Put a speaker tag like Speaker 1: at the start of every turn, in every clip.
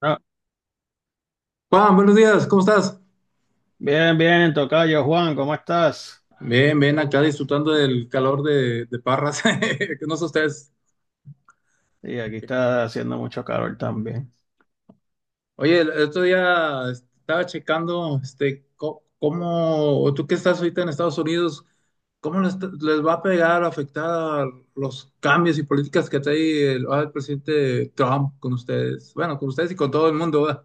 Speaker 1: Ah,
Speaker 2: Juan, buenos días, ¿cómo estás?
Speaker 1: bien, bien, tocayo Juan, ¿cómo estás?
Speaker 2: Bien, bien, acá disfrutando del calor de Parras, que no sé ustedes.
Speaker 1: Y aquí está haciendo mucho calor también.
Speaker 2: Oye, el otro día estaba checando, este, cómo, o tú que estás ahorita en Estados Unidos, cómo les va a pegar, afectar los cambios y políticas que trae el presidente Trump con ustedes, bueno, con ustedes y con todo el mundo, ¿verdad?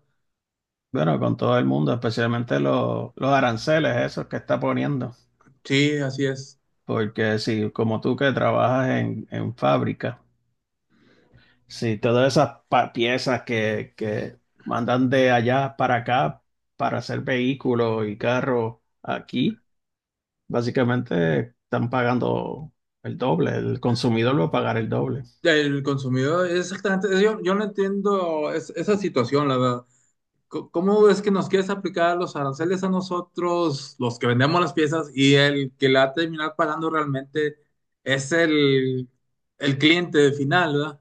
Speaker 1: Bueno, con todo el mundo, especialmente los aranceles, esos que está poniendo.
Speaker 2: Sí, así es.
Speaker 1: Porque si, como tú que trabajas en fábrica, si todas esas piezas que mandan de allá para acá para hacer vehículos y carros aquí, básicamente están pagando el doble, el consumidor va a pagar el doble.
Speaker 2: El consumidor, exactamente, yo no entiendo esa situación, la verdad. ¿Cómo es que nos quieres aplicar los aranceles a nosotros, los que vendemos las piezas, y el que la va a terminar pagando realmente es el cliente final, ¿verdad?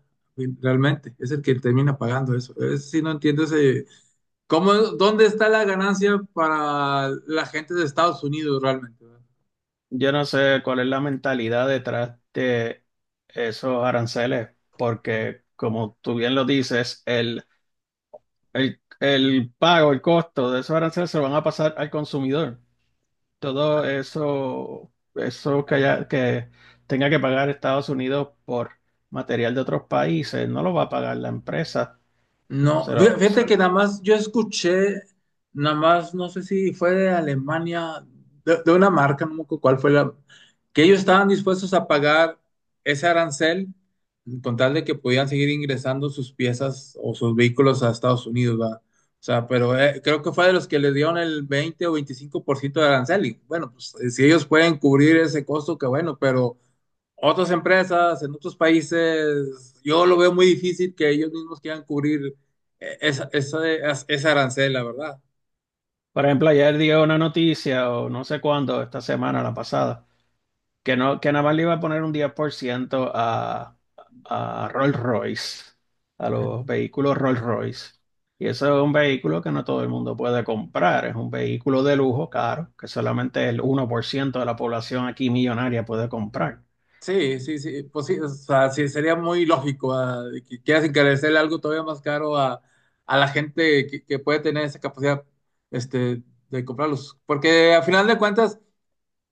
Speaker 2: Realmente, es el que termina pagando eso. Si no entiendo ese, ¿cómo, dónde está la ganancia para la gente de Estados Unidos realmente, ¿verdad?
Speaker 1: Yo no sé cuál es la mentalidad detrás de esos aranceles, porque como tú bien lo dices, el pago, el costo de esos aranceles se lo van a pasar al consumidor. Todo eso, que tenga que pagar Estados Unidos por material de otros países, no lo va a pagar la empresa. Se
Speaker 2: No,
Speaker 1: lo-
Speaker 2: fí-
Speaker 1: se
Speaker 2: fíjate que
Speaker 1: lo-
Speaker 2: nada más yo escuché, nada más no sé si fue de Alemania, de una marca, no me acuerdo cuál fue la, que ellos estaban dispuestos a pagar ese arancel con tal de que podían seguir ingresando sus piezas o sus vehículos a Estados Unidos, ¿verdad? O sea, pero creo que fue de los que les dieron el 20 o 25% de arancel y bueno, pues si ellos pueden cubrir ese costo, que bueno, pero otras empresas en otros países, yo lo veo muy difícil que ellos mismos quieran cubrir esa arancel, la verdad.
Speaker 1: por ejemplo, ayer dio una noticia, o no sé cuándo, esta semana, la pasada. Que no, que nada más le iba a poner un 10% a Rolls Royce, a los vehículos Rolls Royce. Y eso es un vehículo que no todo el mundo puede comprar. Es un vehículo de lujo caro, que solamente el 1% de la población aquí millonaria puede comprar.
Speaker 2: Sí, sí, sí, pues sí, o sea, sí, sería muy lógico de que quieras encarecerle algo todavía más caro a la gente que puede tener esa capacidad este, de comprarlos. Porque a final de cuentas,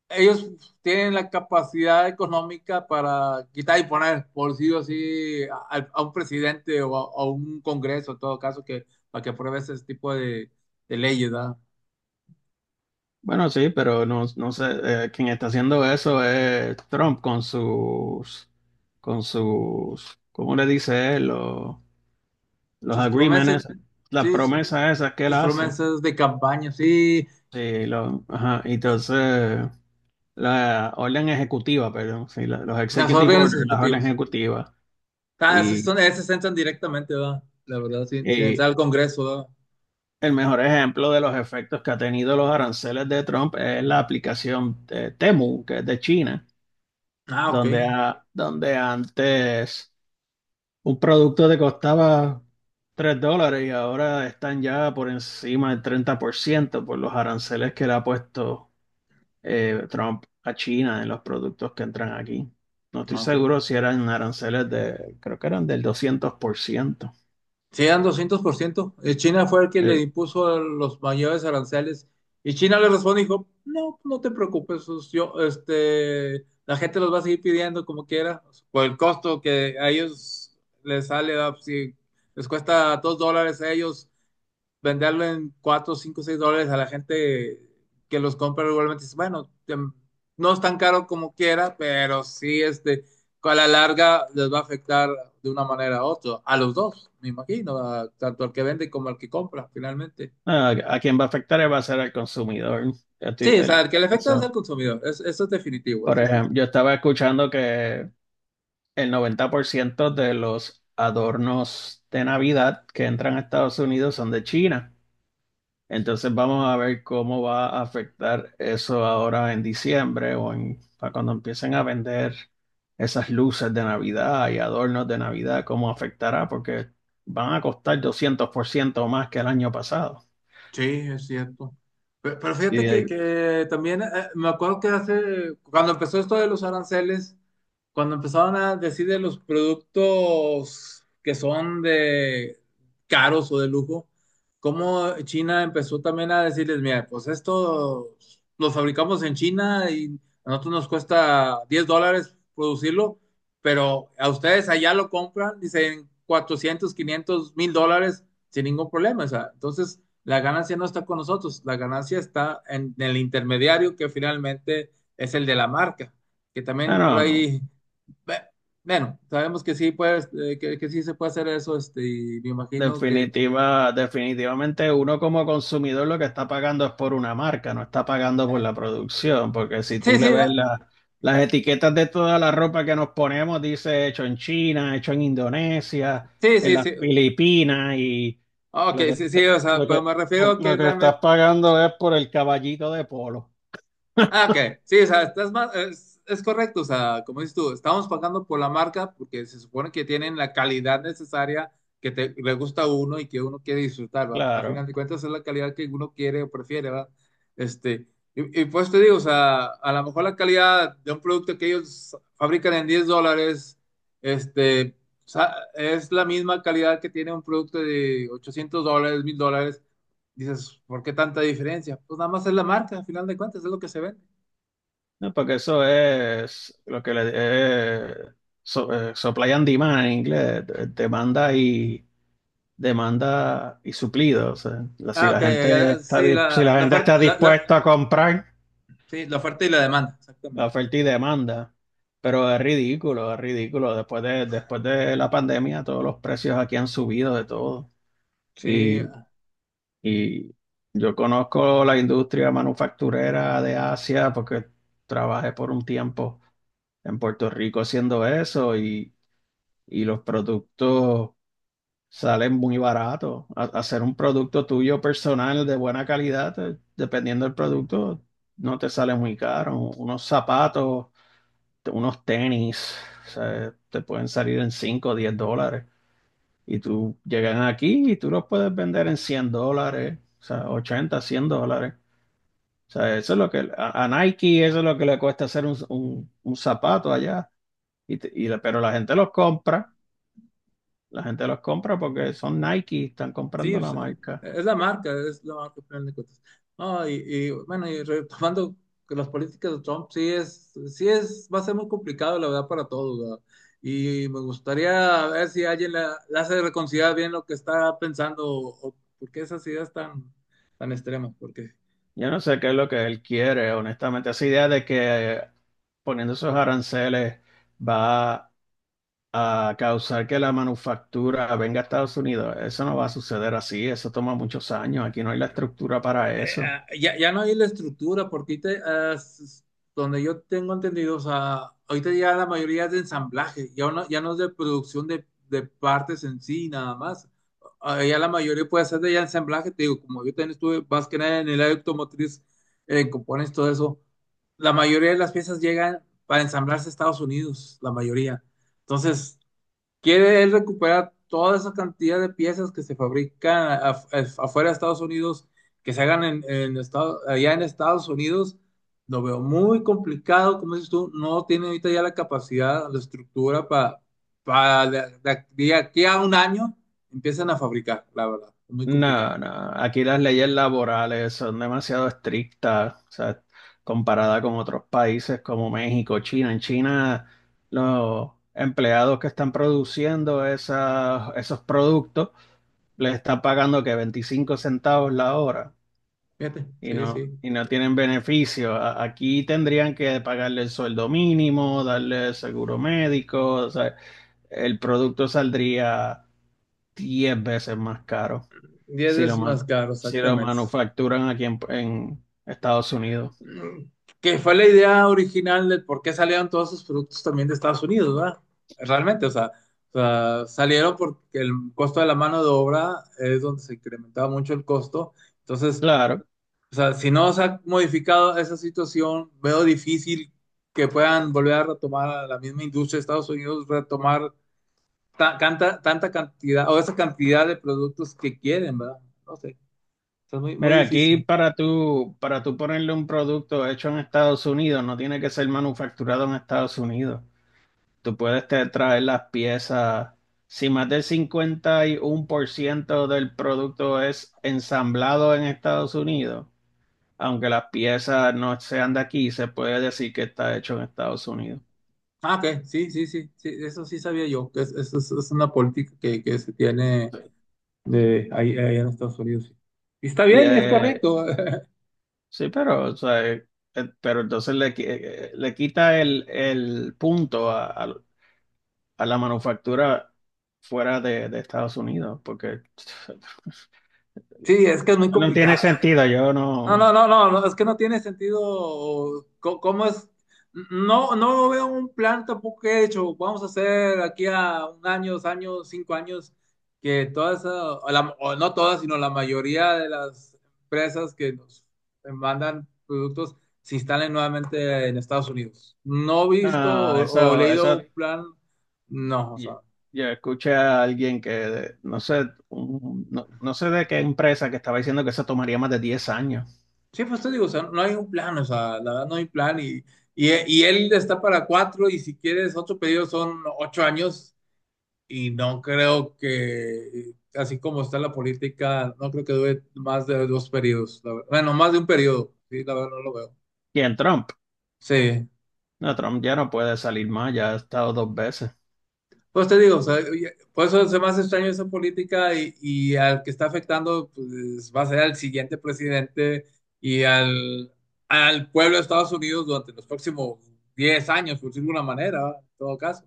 Speaker 2: ellos tienen la capacidad económica para quitar y poner, por sí o sí, a un presidente o a un congreso, en todo caso, que, para que apruebe ese tipo de leyes, ¿verdad?
Speaker 1: Bueno, sí, pero no, no sé, quien está haciendo eso es Trump con sus, ¿cómo le dice él? Los
Speaker 2: Sus promesas,
Speaker 1: agreements, las
Speaker 2: sí, su-
Speaker 1: promesas esas que él
Speaker 2: sus
Speaker 1: hace.
Speaker 2: promesas de campaña, sí,
Speaker 1: Sí, lo, ajá, y entonces la orden ejecutiva, perdón, sí, los
Speaker 2: las
Speaker 1: executive
Speaker 2: órdenes
Speaker 1: orders, las órdenes
Speaker 2: ejecutivas.
Speaker 1: ejecutivas.
Speaker 2: Ah, esas
Speaker 1: Y,
Speaker 2: son, esas entran directamente, ¿verdad? La verdad, sin
Speaker 1: y
Speaker 2: entrar al congreso, ¿verdad?
Speaker 1: el mejor ejemplo de los efectos que ha tenido los aranceles de Trump es la aplicación Temu, que es de China,
Speaker 2: Ah, ok.
Speaker 1: donde, donde antes un producto te costaba $3 y ahora están ya por encima del 30% por los aranceles que le ha puesto Trump a China en los productos que entran aquí. No estoy
Speaker 2: Ah,
Speaker 1: seguro
Speaker 2: ok.
Speaker 1: si eran aranceles de, creo que eran del 200%.
Speaker 2: Sí, dan 200%. China fue el que le
Speaker 1: Eh,
Speaker 2: impuso los mayores aranceles. Y China le responde y dijo, no, no te preocupes, yo, este, la gente los va a seguir pidiendo como quiera, por el costo que a ellos les sale, ¿verdad? Si les cuesta 2 dólares a ellos venderlo en 4, 5, 6 dólares a la gente que los compra regularmente. Dice, bueno, no es tan caro como quiera, pero sí, este, a la larga les va a afectar de una manera u otra, a los dos, me imagino, tanto al que vende como al que compra, finalmente.
Speaker 1: a, a quien va a afectar va a ser al consumidor. Yo estoy-
Speaker 2: Sí, o sea,
Speaker 1: el-
Speaker 2: el que le afecta es al
Speaker 1: Eso.
Speaker 2: consumidor, eso es definitivo,
Speaker 1: Por
Speaker 2: eso sí.
Speaker 1: ejemplo, yo estaba escuchando que el 90% de los adornos de Navidad que entran a Estados Unidos son de China. Entonces vamos a ver cómo va a afectar eso ahora en diciembre o en, para cuando empiecen a vender esas luces de Navidad y adornos de Navidad, cómo afectará, porque van a costar 200% más que el año pasado.
Speaker 2: Sí, es cierto. Pero
Speaker 1: Y,
Speaker 2: fíjate que, que también me acuerdo que hace, cuando empezó esto de los aranceles, cuando empezaron a decir de los productos que son de caros o de lujo, cómo China empezó también a decirles, mira, pues esto lo fabricamos en China y a nosotros nos cuesta 10 dólares producirlo, pero a ustedes allá lo compran, dicen 400, 500, 1000 dólares sin ningún problema. O sea, entonces. La ganancia no está con nosotros, la ganancia está en el intermediario que finalmente es el de la marca, que también por
Speaker 1: bueno,
Speaker 2: ahí, bueno, sabemos que sí, pues, que sí se puede hacer eso, este, y me imagino que.
Speaker 1: definitivamente uno como consumidor lo que está pagando es por una marca, no está pagando por
Speaker 2: eh,
Speaker 1: la producción, porque si
Speaker 2: sí,
Speaker 1: tú le
Speaker 2: sí,
Speaker 1: ves las etiquetas de toda la ropa que nos ponemos, dice hecho en China, hecho en Indonesia,
Speaker 2: sí,
Speaker 1: en
Speaker 2: sí,
Speaker 1: las
Speaker 2: sí,
Speaker 1: Filipinas, y
Speaker 2: ok,
Speaker 1: lo que,
Speaker 2: sí,
Speaker 1: está-
Speaker 2: sí, o sea,
Speaker 1: lo
Speaker 2: pero
Speaker 1: que,
Speaker 2: me refiero
Speaker 1: lo,
Speaker 2: a que
Speaker 1: lo que estás
Speaker 2: realmente.
Speaker 1: pagando es por el caballito de polo.
Speaker 2: Ah, ok. Sí, o sea, estás más, es correcto. O sea, como dices tú, estamos pagando por la marca porque se supone que tienen la calidad necesaria que te, le gusta a uno y que uno quiere disfrutar, ¿va? A
Speaker 1: Claro,
Speaker 2: final de cuentas es la calidad que uno quiere o prefiere, ¿va? Este, y pues te digo, o sea, a lo mejor la calidad de un producto que ellos fabrican en 10 dólares, este, o sea, es la misma calidad que tiene un producto de 800 dólares, 1000 dólares. Dices, ¿por qué tanta diferencia? Pues nada más es la marca, a final de cuentas, es lo que se ve.
Speaker 1: ¿no? Porque eso es lo que le... supply and demand en inglés, demanda y suplido. O sea, la- si
Speaker 2: Ah, ok,
Speaker 1: la gente está, di- si la gente está dispuesta a comprar,
Speaker 2: sí, la oferta y la demanda,
Speaker 1: la
Speaker 2: exactamente.
Speaker 1: oferta y demanda. Pero es ridículo, es ridículo. Después de la pandemia, todos los precios aquí han subido de todo.
Speaker 2: Sí,
Speaker 1: Y, y yo conozco la industria manufacturera de Asia porque trabajé por un tiempo en Puerto Rico haciendo eso y los productos. Sale muy barato. Hacer un producto tuyo personal de buena calidad, dependiendo del producto, no te sale muy caro. Unos zapatos, unos tenis, o sea, te pueden salir en 5, o $10. Y tú llegan aquí y tú los puedes vender en $100, o sea, 80, $100. O sea, eso es lo que a, Nike, eso es lo que le cuesta hacer un zapato allá. Pero la gente los compra, la gente los compra porque son Nike, están
Speaker 2: sí,
Speaker 1: comprando la
Speaker 2: pues,
Speaker 1: marca.
Speaker 2: es la marca, al final de cuentas. No, bueno, y retomando que las políticas de Trump, sí es, va a ser muy complicado, la verdad, para todos, ¿verdad? Y me gustaría ver si alguien la hace reconsiderar bien lo que está pensando o por qué esas ideas tan extremas, porque.
Speaker 1: Yo no sé qué es lo que él quiere, honestamente. Esa idea de que poniendo esos aranceles va a causar que la manufactura venga a Estados Unidos, eso no va a suceder así, eso toma muchos años, aquí no hay la estructura para eso.
Speaker 2: Ya, ya no hay la estructura, porque ahorita, ah, s- donde yo tengo entendido, o sea, ahorita ya la mayoría es de ensamblaje, ya no es de producción de partes en sí, nada más. Ah, ya la mayoría puede hacer de ya ensamblaje, te digo, como yo también estuve más que nada en el área automotriz, en compones, todo eso, la mayoría de las piezas llegan para ensamblarse a Estados Unidos, la mayoría. Entonces, quiere él recuperar toda esa cantidad de piezas que se fabrican afuera de Estados Unidos, que se hagan allá en Estados Unidos. Lo veo muy complicado, como dices tú, no tiene ahorita ya la capacidad, la estructura para de aquí a un año empiezan a fabricar, la verdad, muy complicado.
Speaker 1: No, no, aquí las leyes laborales son demasiado estrictas, o sea, comparada con otros países como México, China. En China, los empleados que están produciendo esos productos les está pagando que 25 centavos la hora
Speaker 2: Fíjate,
Speaker 1: y
Speaker 2: sí, sí.
Speaker 1: no tienen beneficio. Aquí tendrían que pagarle el sueldo mínimo, darle seguro médico, o sea, el producto saldría 10 veces más caro
Speaker 2: diez
Speaker 1: si lo,
Speaker 2: veces más
Speaker 1: man-
Speaker 2: caro,
Speaker 1: si lo
Speaker 2: exactamente.
Speaker 1: manufacturan aquí en Estados Unidos.
Speaker 2: Que fue la idea original del por qué salieron todos esos productos también de Estados Unidos, ¿verdad? Realmente, o sea, salieron porque el costo de la mano de obra es donde se incrementaba mucho el costo. Entonces,
Speaker 1: Claro.
Speaker 2: o sea, si no se ha modificado esa situación, veo difícil que puedan volver a retomar a la misma industria de Estados Unidos, retomar tanta cantidad o esa cantidad de productos que quieren, ¿verdad? No sé, o sea, es muy, muy
Speaker 1: Mira, aquí
Speaker 2: difícil.
Speaker 1: para tú ponerle un producto hecho en Estados Unidos, no tiene que ser manufacturado en Estados Unidos. Tú puedes traer las piezas. Si más del 51% del producto es ensamblado en Estados Unidos, aunque las piezas no sean de aquí, se puede decir que está hecho en Estados Unidos.
Speaker 2: Ah, ok, sí, sí, sí, sí, eso sí sabía yo, que es una política que se tiene
Speaker 1: Sí.
Speaker 2: de ahí en Estados Unidos. Sí. Y está
Speaker 1: Y
Speaker 2: bien y es correcto.
Speaker 1: sí, pero, o sea, pero entonces le, le quita el punto a, a la manufactura fuera de Estados Unidos, porque
Speaker 2: Sí, es que es muy
Speaker 1: no tiene
Speaker 2: complicado.
Speaker 1: sentido. Yo
Speaker 2: No, no,
Speaker 1: no,
Speaker 2: no, no, no, es que no tiene sentido. ¿Cómo es? No, no veo un plan tampoco hecho. Vamos a hacer aquí a un año, 2 años, 5 años, que todas, o no todas, sino la mayoría de las empresas que nos mandan productos se instalen nuevamente en Estados Unidos. No he visto
Speaker 1: no,
Speaker 2: o
Speaker 1: eso,
Speaker 2: leído
Speaker 1: eso.
Speaker 2: un plan, no, o
Speaker 1: Ya,
Speaker 2: sea.
Speaker 1: yo escuché a alguien que, no sé, no, no sé de qué empresa que estaba diciendo que eso tomaría más de 10 años.
Speaker 2: Sí, pues te digo, o sea, no hay un plan, o sea, la verdad no hay plan y él está para cuatro y si quieres ocho pedidos son 8 años y no creo que, así como está la política, no creo que dure más de 2 periodos, la verdad. Bueno, más de un periodo, sí, la verdad no lo veo.
Speaker 1: Y en Trump,
Speaker 2: Sí,
Speaker 1: no, Trump ya no puede salir más, ya ha estado 2 veces.
Speaker 2: pues te digo, o sea, oye, por eso se me hace extraño esa política y al que está afectando pues, va a ser al siguiente presidente y al pueblo de Estados Unidos durante los próximos 10 años, por decirlo de alguna manera, ¿va? En todo caso.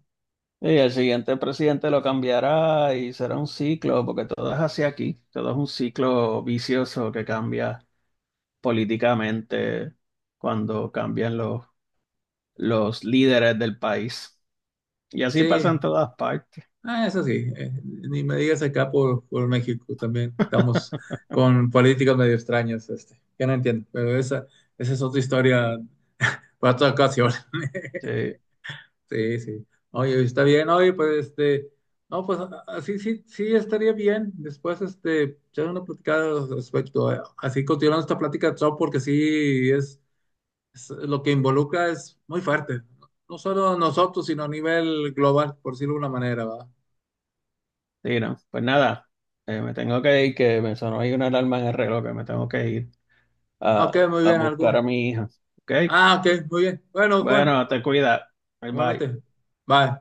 Speaker 1: Y el siguiente presidente lo cambiará y será un ciclo, porque todo es así aquí, todo es un ciclo vicioso que cambia políticamente cuando cambian los líderes del país. Y así pasa en
Speaker 2: Sí,
Speaker 1: todas partes.
Speaker 2: eso sí, ni me digas acá por México también, estamos con políticas medio extrañas, este, que no entiendo, pero esa es otra historia para otra ocasión.
Speaker 1: Sí,
Speaker 2: Sí, sí. Oye, está bien, oye, pues este, no, pues así sí, sí estaría bien. Después, este, echar una platicada al respecto. Así continuando esta plática, Trump, porque sí es lo que involucra es muy fuerte. No solo nosotros, sino a nivel global, por decirlo de alguna manera, ¿va?
Speaker 1: sí, no. Pues nada, me tengo que ir, que me sonó ahí una alarma en el reloj, que me tengo que ir
Speaker 2: Ah, ok,
Speaker 1: a,
Speaker 2: muy
Speaker 1: a
Speaker 2: bien,
Speaker 1: buscar
Speaker 2: algún.
Speaker 1: a mi hija. ¿Ok?
Speaker 2: Ah, ok, muy bien. Bueno, Juan,
Speaker 1: Bueno, te cuida. Bye bye.
Speaker 2: igualmente. Bye.